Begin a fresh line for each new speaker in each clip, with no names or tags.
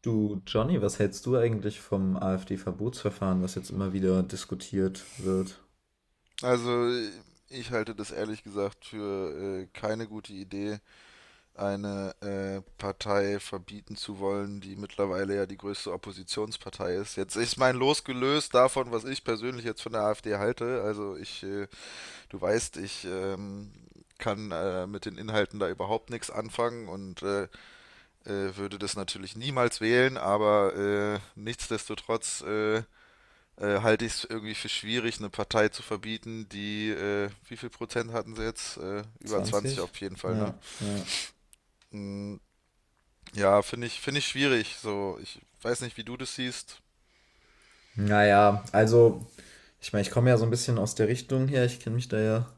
Du, Johnny, was hältst du eigentlich vom AfD-Verbotsverfahren, was jetzt immer wieder diskutiert wird?
Also ich halte das ehrlich gesagt für keine gute Idee, eine Partei verbieten zu wollen, die mittlerweile ja die größte Oppositionspartei ist. Jetzt ist mein Los gelöst davon, was ich persönlich jetzt von der AfD halte. Also ich, du weißt, ich kann mit den Inhalten da überhaupt nichts anfangen und würde das natürlich niemals wählen, aber nichtsdestotrotz halte ich es irgendwie für schwierig, eine Partei zu verbieten, die, wie viel Prozent hatten sie jetzt? Über 20
20.
auf jeden Fall, ne?
Ja, ja.
Mm, ja, finde ich schwierig. So, ich weiß nicht, wie du das siehst.
Naja, also, ich meine, ich komme ja so ein bisschen aus der Richtung her, ich kenne mich da ja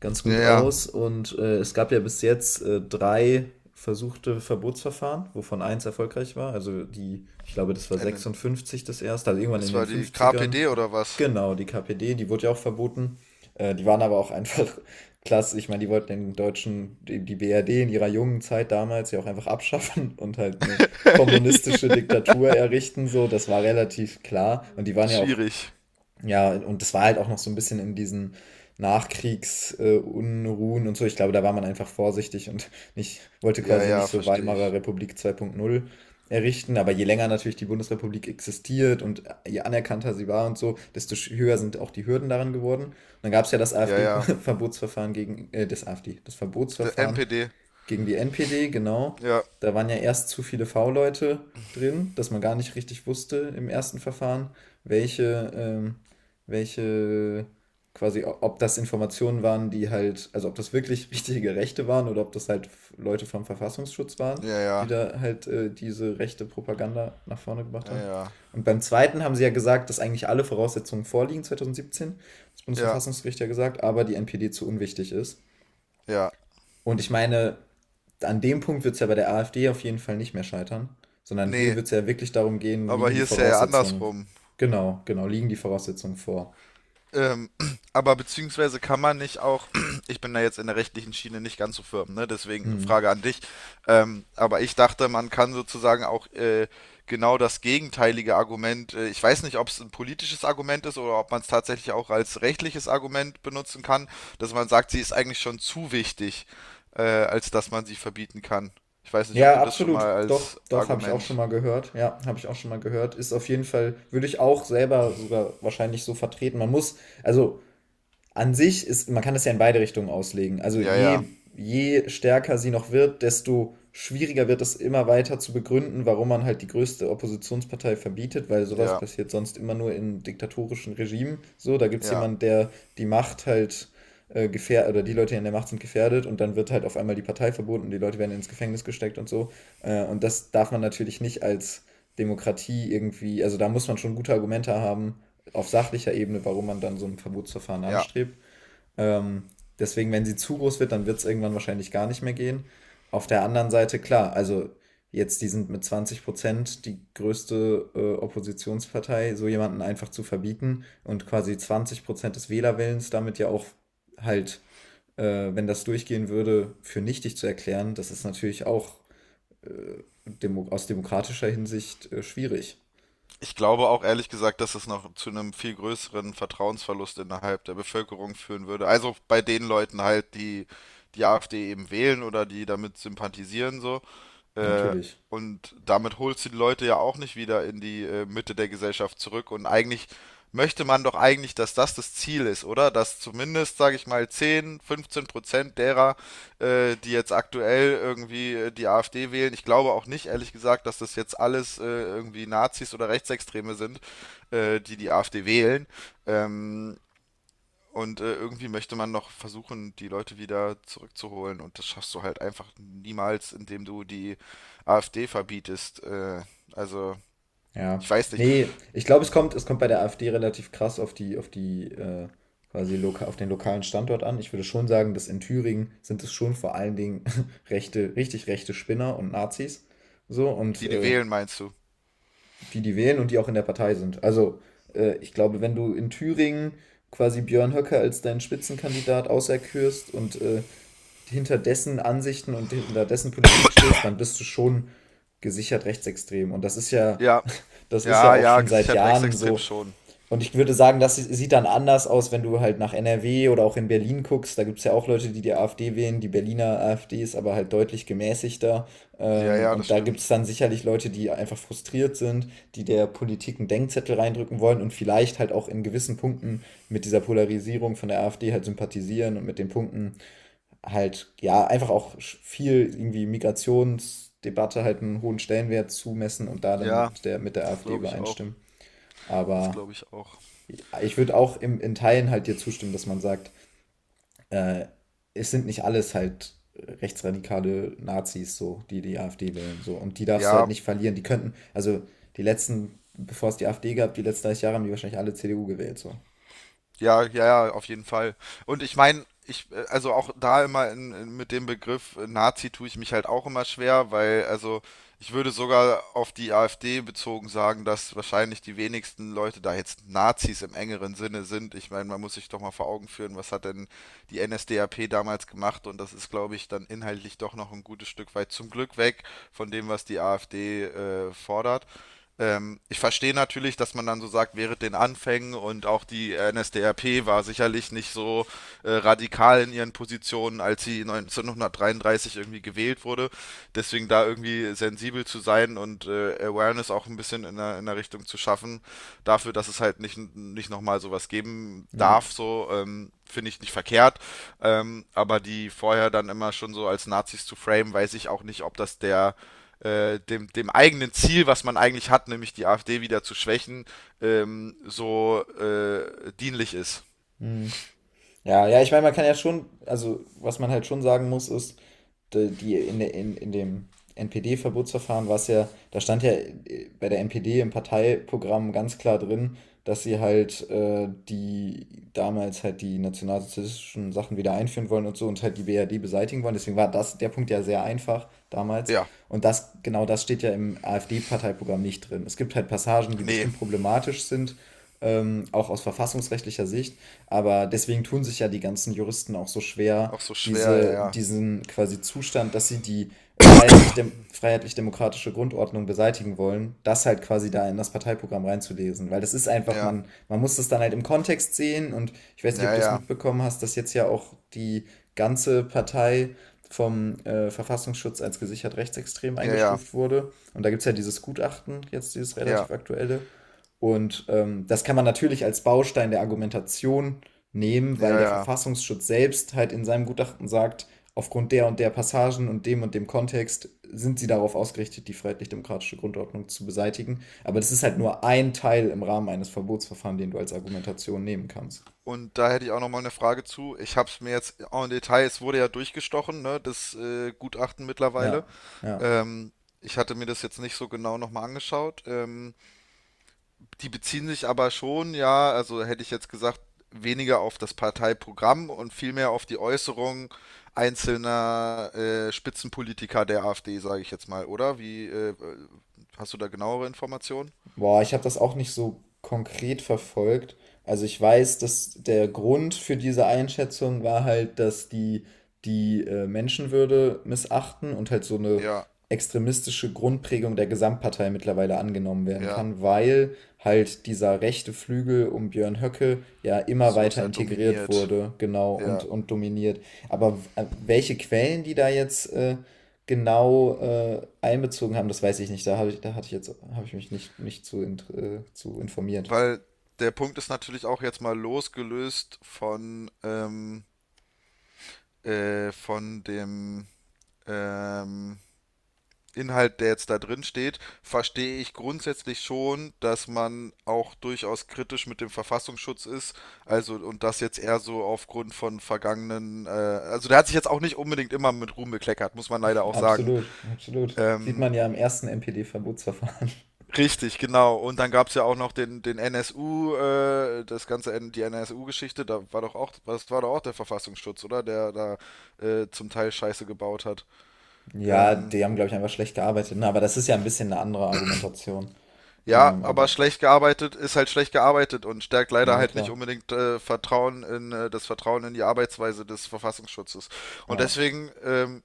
ganz
Ja,
gut
ja.
aus und es gab ja bis jetzt drei versuchte Verbotsverfahren, wovon eins erfolgreich war. Also die, ich glaube, das war
Äh,
56 das erste, also irgendwann in
Das
den
war die
50ern.
KPD oder was?
Genau, die KPD, die wurde ja auch verboten. Die waren aber auch einfach klasse. Ich meine, die wollten den Deutschen, die BRD in ihrer jungen Zeit damals ja auch einfach abschaffen und halt eine kommunistische Diktatur errichten, so, das war relativ klar. Und die waren ja auch,
Schwierig.
ja, und das war halt auch noch so ein bisschen in diesen Nachkriegsunruhen und so. Ich glaube, da war man einfach vorsichtig und nicht, wollte
Ja,
quasi
ja,
nicht so
verstehe
Weimarer
ich.
Republik 2.0 errichten. Aber je länger natürlich die Bundesrepublik existiert und je anerkannter sie war und so, desto höher sind auch die Hürden daran geworden. Und dann gab es ja das
Ja, ja.
AfD-Verbotsverfahren gegen, das
Der
Verbotsverfahren
NPD.
gegen die NPD, genau.
Ja,
Da waren ja erst zu viele V-Leute drin, dass man gar nicht richtig wusste im ersten Verfahren, welche, ähm, welche quasi, ob das Informationen waren, die halt, also ob das wirklich richtige Rechte waren oder ob das halt Leute vom Verfassungsschutz waren,
ja,
die
ja,
da halt diese rechte Propaganda nach vorne gebracht
ja,
haben.
ja,
Und beim zweiten haben sie ja gesagt, dass eigentlich alle Voraussetzungen vorliegen, 2017, das
ja,
Bundesverfassungsgericht ja gesagt, aber die NPD zu unwichtig ist.
ja.
Und ich meine, an dem Punkt wird es ja bei der AfD auf jeden Fall nicht mehr scheitern, sondern hier
Nee,
wird es ja wirklich darum gehen,
aber
liegen die
hier ist ja eher
Voraussetzungen,
andersrum.
genau, genau, liegen die Voraussetzungen vor.
Ähm, aber beziehungsweise kann man nicht auch, ich bin da jetzt in der rechtlichen Schiene nicht ganz so firm, ne? Deswegen
Hm.
Frage an dich. Aber ich dachte, man kann sozusagen auch genau das gegenteilige Argument, ich weiß nicht, ob es ein politisches Argument ist oder ob man es tatsächlich auch als rechtliches Argument benutzen kann, dass man sagt, sie ist eigentlich schon zu wichtig, als dass man sie verbieten kann. Ich weiß nicht, ob
Ja,
du das schon
absolut.
mal
Doch,
als
doch, habe ich auch schon
Argument.
mal gehört. Ja, habe ich auch schon mal gehört. Ist auf jeden Fall, würde ich auch selber sogar wahrscheinlich so vertreten. Man muss, also an sich ist, man kann das ja in beide Richtungen auslegen. Also
Ja, ja,
je stärker sie noch wird, desto schwieriger wird es immer weiter zu begründen, warum man halt die größte Oppositionspartei verbietet, weil sowas
ja,
passiert sonst immer nur in diktatorischen Regimen. So, da gibt es
ja,
jemanden, der die Macht halt gefährdet, oder die Leute, die an der Macht sind, gefährdet und dann wird halt auf einmal die Partei verboten, die Leute werden ins Gefängnis gesteckt und so. Und das darf man natürlich nicht als Demokratie irgendwie, also da muss man schon gute Argumente haben, auf sachlicher Ebene, warum man dann so ein Verbotsverfahren
ja.
anstrebt. Ähm, Deswegen, wenn sie zu groß wird, dann wird es irgendwann wahrscheinlich gar nicht mehr gehen. Auf der anderen Seite, klar, also jetzt, die sind mit 20% die größte Oppositionspartei, so jemanden einfach zu verbieten und quasi 20% des Wählerwillens damit ja auch halt, äh, wenn das durchgehen würde, für nichtig zu erklären, das ist natürlich auch demo aus demokratischer Hinsicht schwierig.
Ich glaube auch ehrlich gesagt, dass es noch zu einem viel größeren Vertrauensverlust innerhalb der Bevölkerung führen würde. Also bei den Leuten halt, die die AfD eben wählen oder die damit sympathisieren so. Äh,
Natürlich.
und damit holst du die Leute ja auch nicht wieder in die Mitte der Gesellschaft zurück. Und eigentlich möchte man doch eigentlich, dass das das Ziel ist, oder? Dass zumindest, sage ich mal, 10, 15% derer, die jetzt aktuell irgendwie die AfD wählen, ich glaube auch nicht, ehrlich gesagt, dass das jetzt alles irgendwie Nazis oder Rechtsextreme sind, die die AfD wählen. Ähm, und irgendwie möchte man noch versuchen, die Leute wieder zurückzuholen. Und das schaffst du halt einfach niemals, indem du die AfD verbietest. Also,
Ja.
ich weiß nicht.
Nee, ich glaube, es kommt bei der AfD relativ krass auf den lokalen Standort an. Ich würde schon sagen, dass in Thüringen sind es schon vor allen Dingen rechte, richtig rechte Spinner und Nazis. So, und
Die, die wählen, meinst du?
die, die wählen und die auch in der Partei sind. Also, ich glaube, wenn du in Thüringen quasi Björn Höcke als deinen Spitzenkandidat auserkürst und hinter dessen Ansichten und hinter dessen Politik stehst, dann bist du schon gesichert rechtsextrem. Und das ist ja,
Ja,
das ist ja
ja,
auch
ja,
schon seit
gesichert
Jahren
rechtsextrem
so
schon.
und ich würde sagen, das sieht dann anders aus, wenn du halt nach NRW oder auch in Berlin guckst. Da gibt es ja auch Leute, die die AfD wählen. Die Berliner AfD ist aber halt deutlich gemäßigter.
Ja, ja, das
Und da gibt es
stimmt.
dann sicherlich Leute, die einfach frustriert sind, die der Politik einen Denkzettel reindrücken wollen und vielleicht halt auch in gewissen Punkten mit dieser Polarisierung von der AfD halt sympathisieren und mit den Punkten halt, ja, einfach auch viel irgendwie Migrationsdebatte halt einen hohen Stellenwert zumessen und da dann
Ja,
mit der
das
AfD
glaube ich auch.
übereinstimmen.
Das
Aber
glaube ich auch.
ich würde auch in Teilen halt dir zustimmen, dass man sagt, äh, es sind nicht alles halt rechtsradikale Nazis, so, die die AfD wählen, so. Und die darfst du halt
Ja,
nicht verlieren. Die könnten, also die letzten, bevor es die AfD gab, die letzten 30 Jahre haben die wahrscheinlich alle CDU gewählt, so.
ja, ja, ja, auf jeden Fall. Und ich meine, ich, also auch da immer in, mit dem Begriff Nazi tue ich mich halt auch immer schwer, weil, also, ich würde sogar auf die AfD bezogen sagen, dass wahrscheinlich die wenigsten Leute da jetzt Nazis im engeren Sinne sind. Ich meine, man muss sich doch mal vor Augen führen, was hat denn die NSDAP damals gemacht? Und das ist, glaube ich, dann inhaltlich doch noch ein gutes Stück weit zum Glück weg von dem, was die AfD fordert. Ich verstehe natürlich, dass man dann so sagt, während den Anfängen und auch die NSDAP war sicherlich nicht so radikal in ihren Positionen, als sie 1933 irgendwie gewählt wurde. Deswegen da irgendwie sensibel zu sein und Awareness auch ein bisschen in der Richtung zu schaffen, dafür, dass es halt nicht, nicht nochmal sowas geben
Ja.
darf, so finde ich nicht verkehrt. Aber die vorher dann immer schon so als Nazis zu frame, weiß ich auch nicht, ob das der dem eigenen Ziel, was man eigentlich hat, nämlich die AfD wieder zu schwächen, so dienlich ist.
Hm. Ja, ja, ich meine, man kann ja schon, also was man halt schon sagen muss, ist, die, die in, der- in dem NPD-Verbotsverfahren war es ja, da stand ja bei der NPD im Parteiprogramm ganz klar drin, dass sie halt die damals halt die nationalsozialistischen Sachen wieder einführen wollen und so und halt die BRD beseitigen wollen. Deswegen war das der Punkt ja sehr einfach damals.
Ja,
Und das, genau das steht ja im AfD-Parteiprogramm nicht drin. Es gibt halt Passagen, die
nee,
bestimmt problematisch sind, auch aus verfassungsrechtlicher Sicht. Aber deswegen tun sich ja die ganzen Juristen auch so schwer,
auch so schwer, ja, ja,
diesen quasi Zustand, dass sie die freiheitlich-demokratische Grundordnung beseitigen wollen, das halt quasi da in das Parteiprogramm reinzulesen. Weil das ist einfach,
ja,
man muss das dann halt im Kontext sehen und ich weiß nicht, ob
ja,
du es
ja,
mitbekommen hast, dass jetzt ja auch die ganze Partei vom Verfassungsschutz als gesichert rechtsextrem
ja, ja,
eingestuft wurde. Und da gibt es ja dieses Gutachten, jetzt dieses
ja,
relativ aktuelle, und das kann man natürlich als Baustein der Argumentation nehmen, weil
ja.
der
ja.
Verfassungsschutz selbst halt in seinem Gutachten sagt, aufgrund der und der Passagen und dem Kontext sind sie darauf ausgerichtet, die freiheitlich-demokratische Grundordnung zu beseitigen. Aber das ist halt nur ein Teil im Rahmen eines Verbotsverfahrens, den du als Argumentation nehmen kannst.
Und da hätte ich auch nochmal eine Frage zu. Ich habe es mir jetzt en Detail, es wurde ja durchgestochen, ne, das Gutachten mittlerweile.
Ja, ja.
Ähm, ich hatte mir das jetzt nicht so genau nochmal angeschaut. Die beziehen sich aber schon, ja, also hätte ich jetzt gesagt, weniger auf das Parteiprogramm und vielmehr auf die Äußerungen einzelner Spitzenpolitiker der AfD, sage ich jetzt mal, oder? Wie, hast du da genauere Informationen?
Boah, ich habe das auch nicht so konkret verfolgt. Also ich weiß, dass der Grund für diese Einschätzung war halt, dass die die Menschenwürde missachten und halt so eine
Ja,
extremistische Grundprägung der Gesamtpartei mittlerweile angenommen werden
ja,
kann, weil halt dieser rechte Flügel um Björn Höcke ja immer
so
weiter
sehr
integriert
dominiert.
wurde, genau, und,
Ja,
und dominiert. Aber welche Quellen die da jetzt genau einbezogen haben, das weiß ich nicht. Da habe ich, da hatte ich jetzt, habe ich mich nicht, nicht zu, zu informiert.
weil der Punkt ist natürlich auch jetzt mal losgelöst von dem, ähm, Inhalt, der jetzt da drin steht, verstehe ich grundsätzlich schon, dass man auch durchaus kritisch mit dem Verfassungsschutz ist. Also, und das jetzt eher so aufgrund von vergangenen, also der hat sich jetzt auch nicht unbedingt immer mit Ruhm bekleckert, muss man leider auch sagen.
Absolut, absolut. Sieht
Ähm,
man ja im ersten NPD-Verbotsverfahren.
Richtig, genau. Und dann gab es ja auch noch den NSU, das ganze, die NSU-Geschichte, da war doch auch, das war doch auch der Verfassungsschutz, oder? Der da zum Teil Scheiße gebaut hat.
Ja,
Ähm,
die haben, glaube ich, einfach schlecht gearbeitet. Na, aber das ist ja ein bisschen eine andere Argumentation.
Ja, aber
Aber,
schlecht gearbeitet ist halt schlecht gearbeitet und stärkt leider
ja,
halt nicht
klar.
unbedingt Vertrauen in das Vertrauen in die Arbeitsweise des Verfassungsschutzes. Und
Ja.
deswegen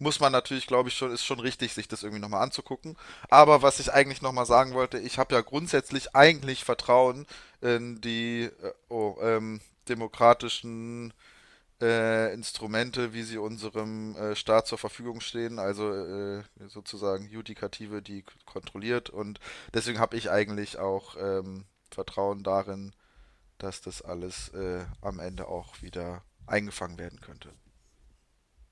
muss man natürlich, glaube ich, schon, ist schon richtig, sich das irgendwie nochmal anzugucken. Aber was ich eigentlich nochmal sagen wollte, ich habe ja grundsätzlich eigentlich Vertrauen in die oh, demokratischen Instrumente, wie sie unserem Staat zur Verfügung stehen, also sozusagen Judikative, die kontrolliert. Und deswegen habe ich eigentlich auch Vertrauen darin, dass das alles am Ende auch wieder eingefangen werden könnte.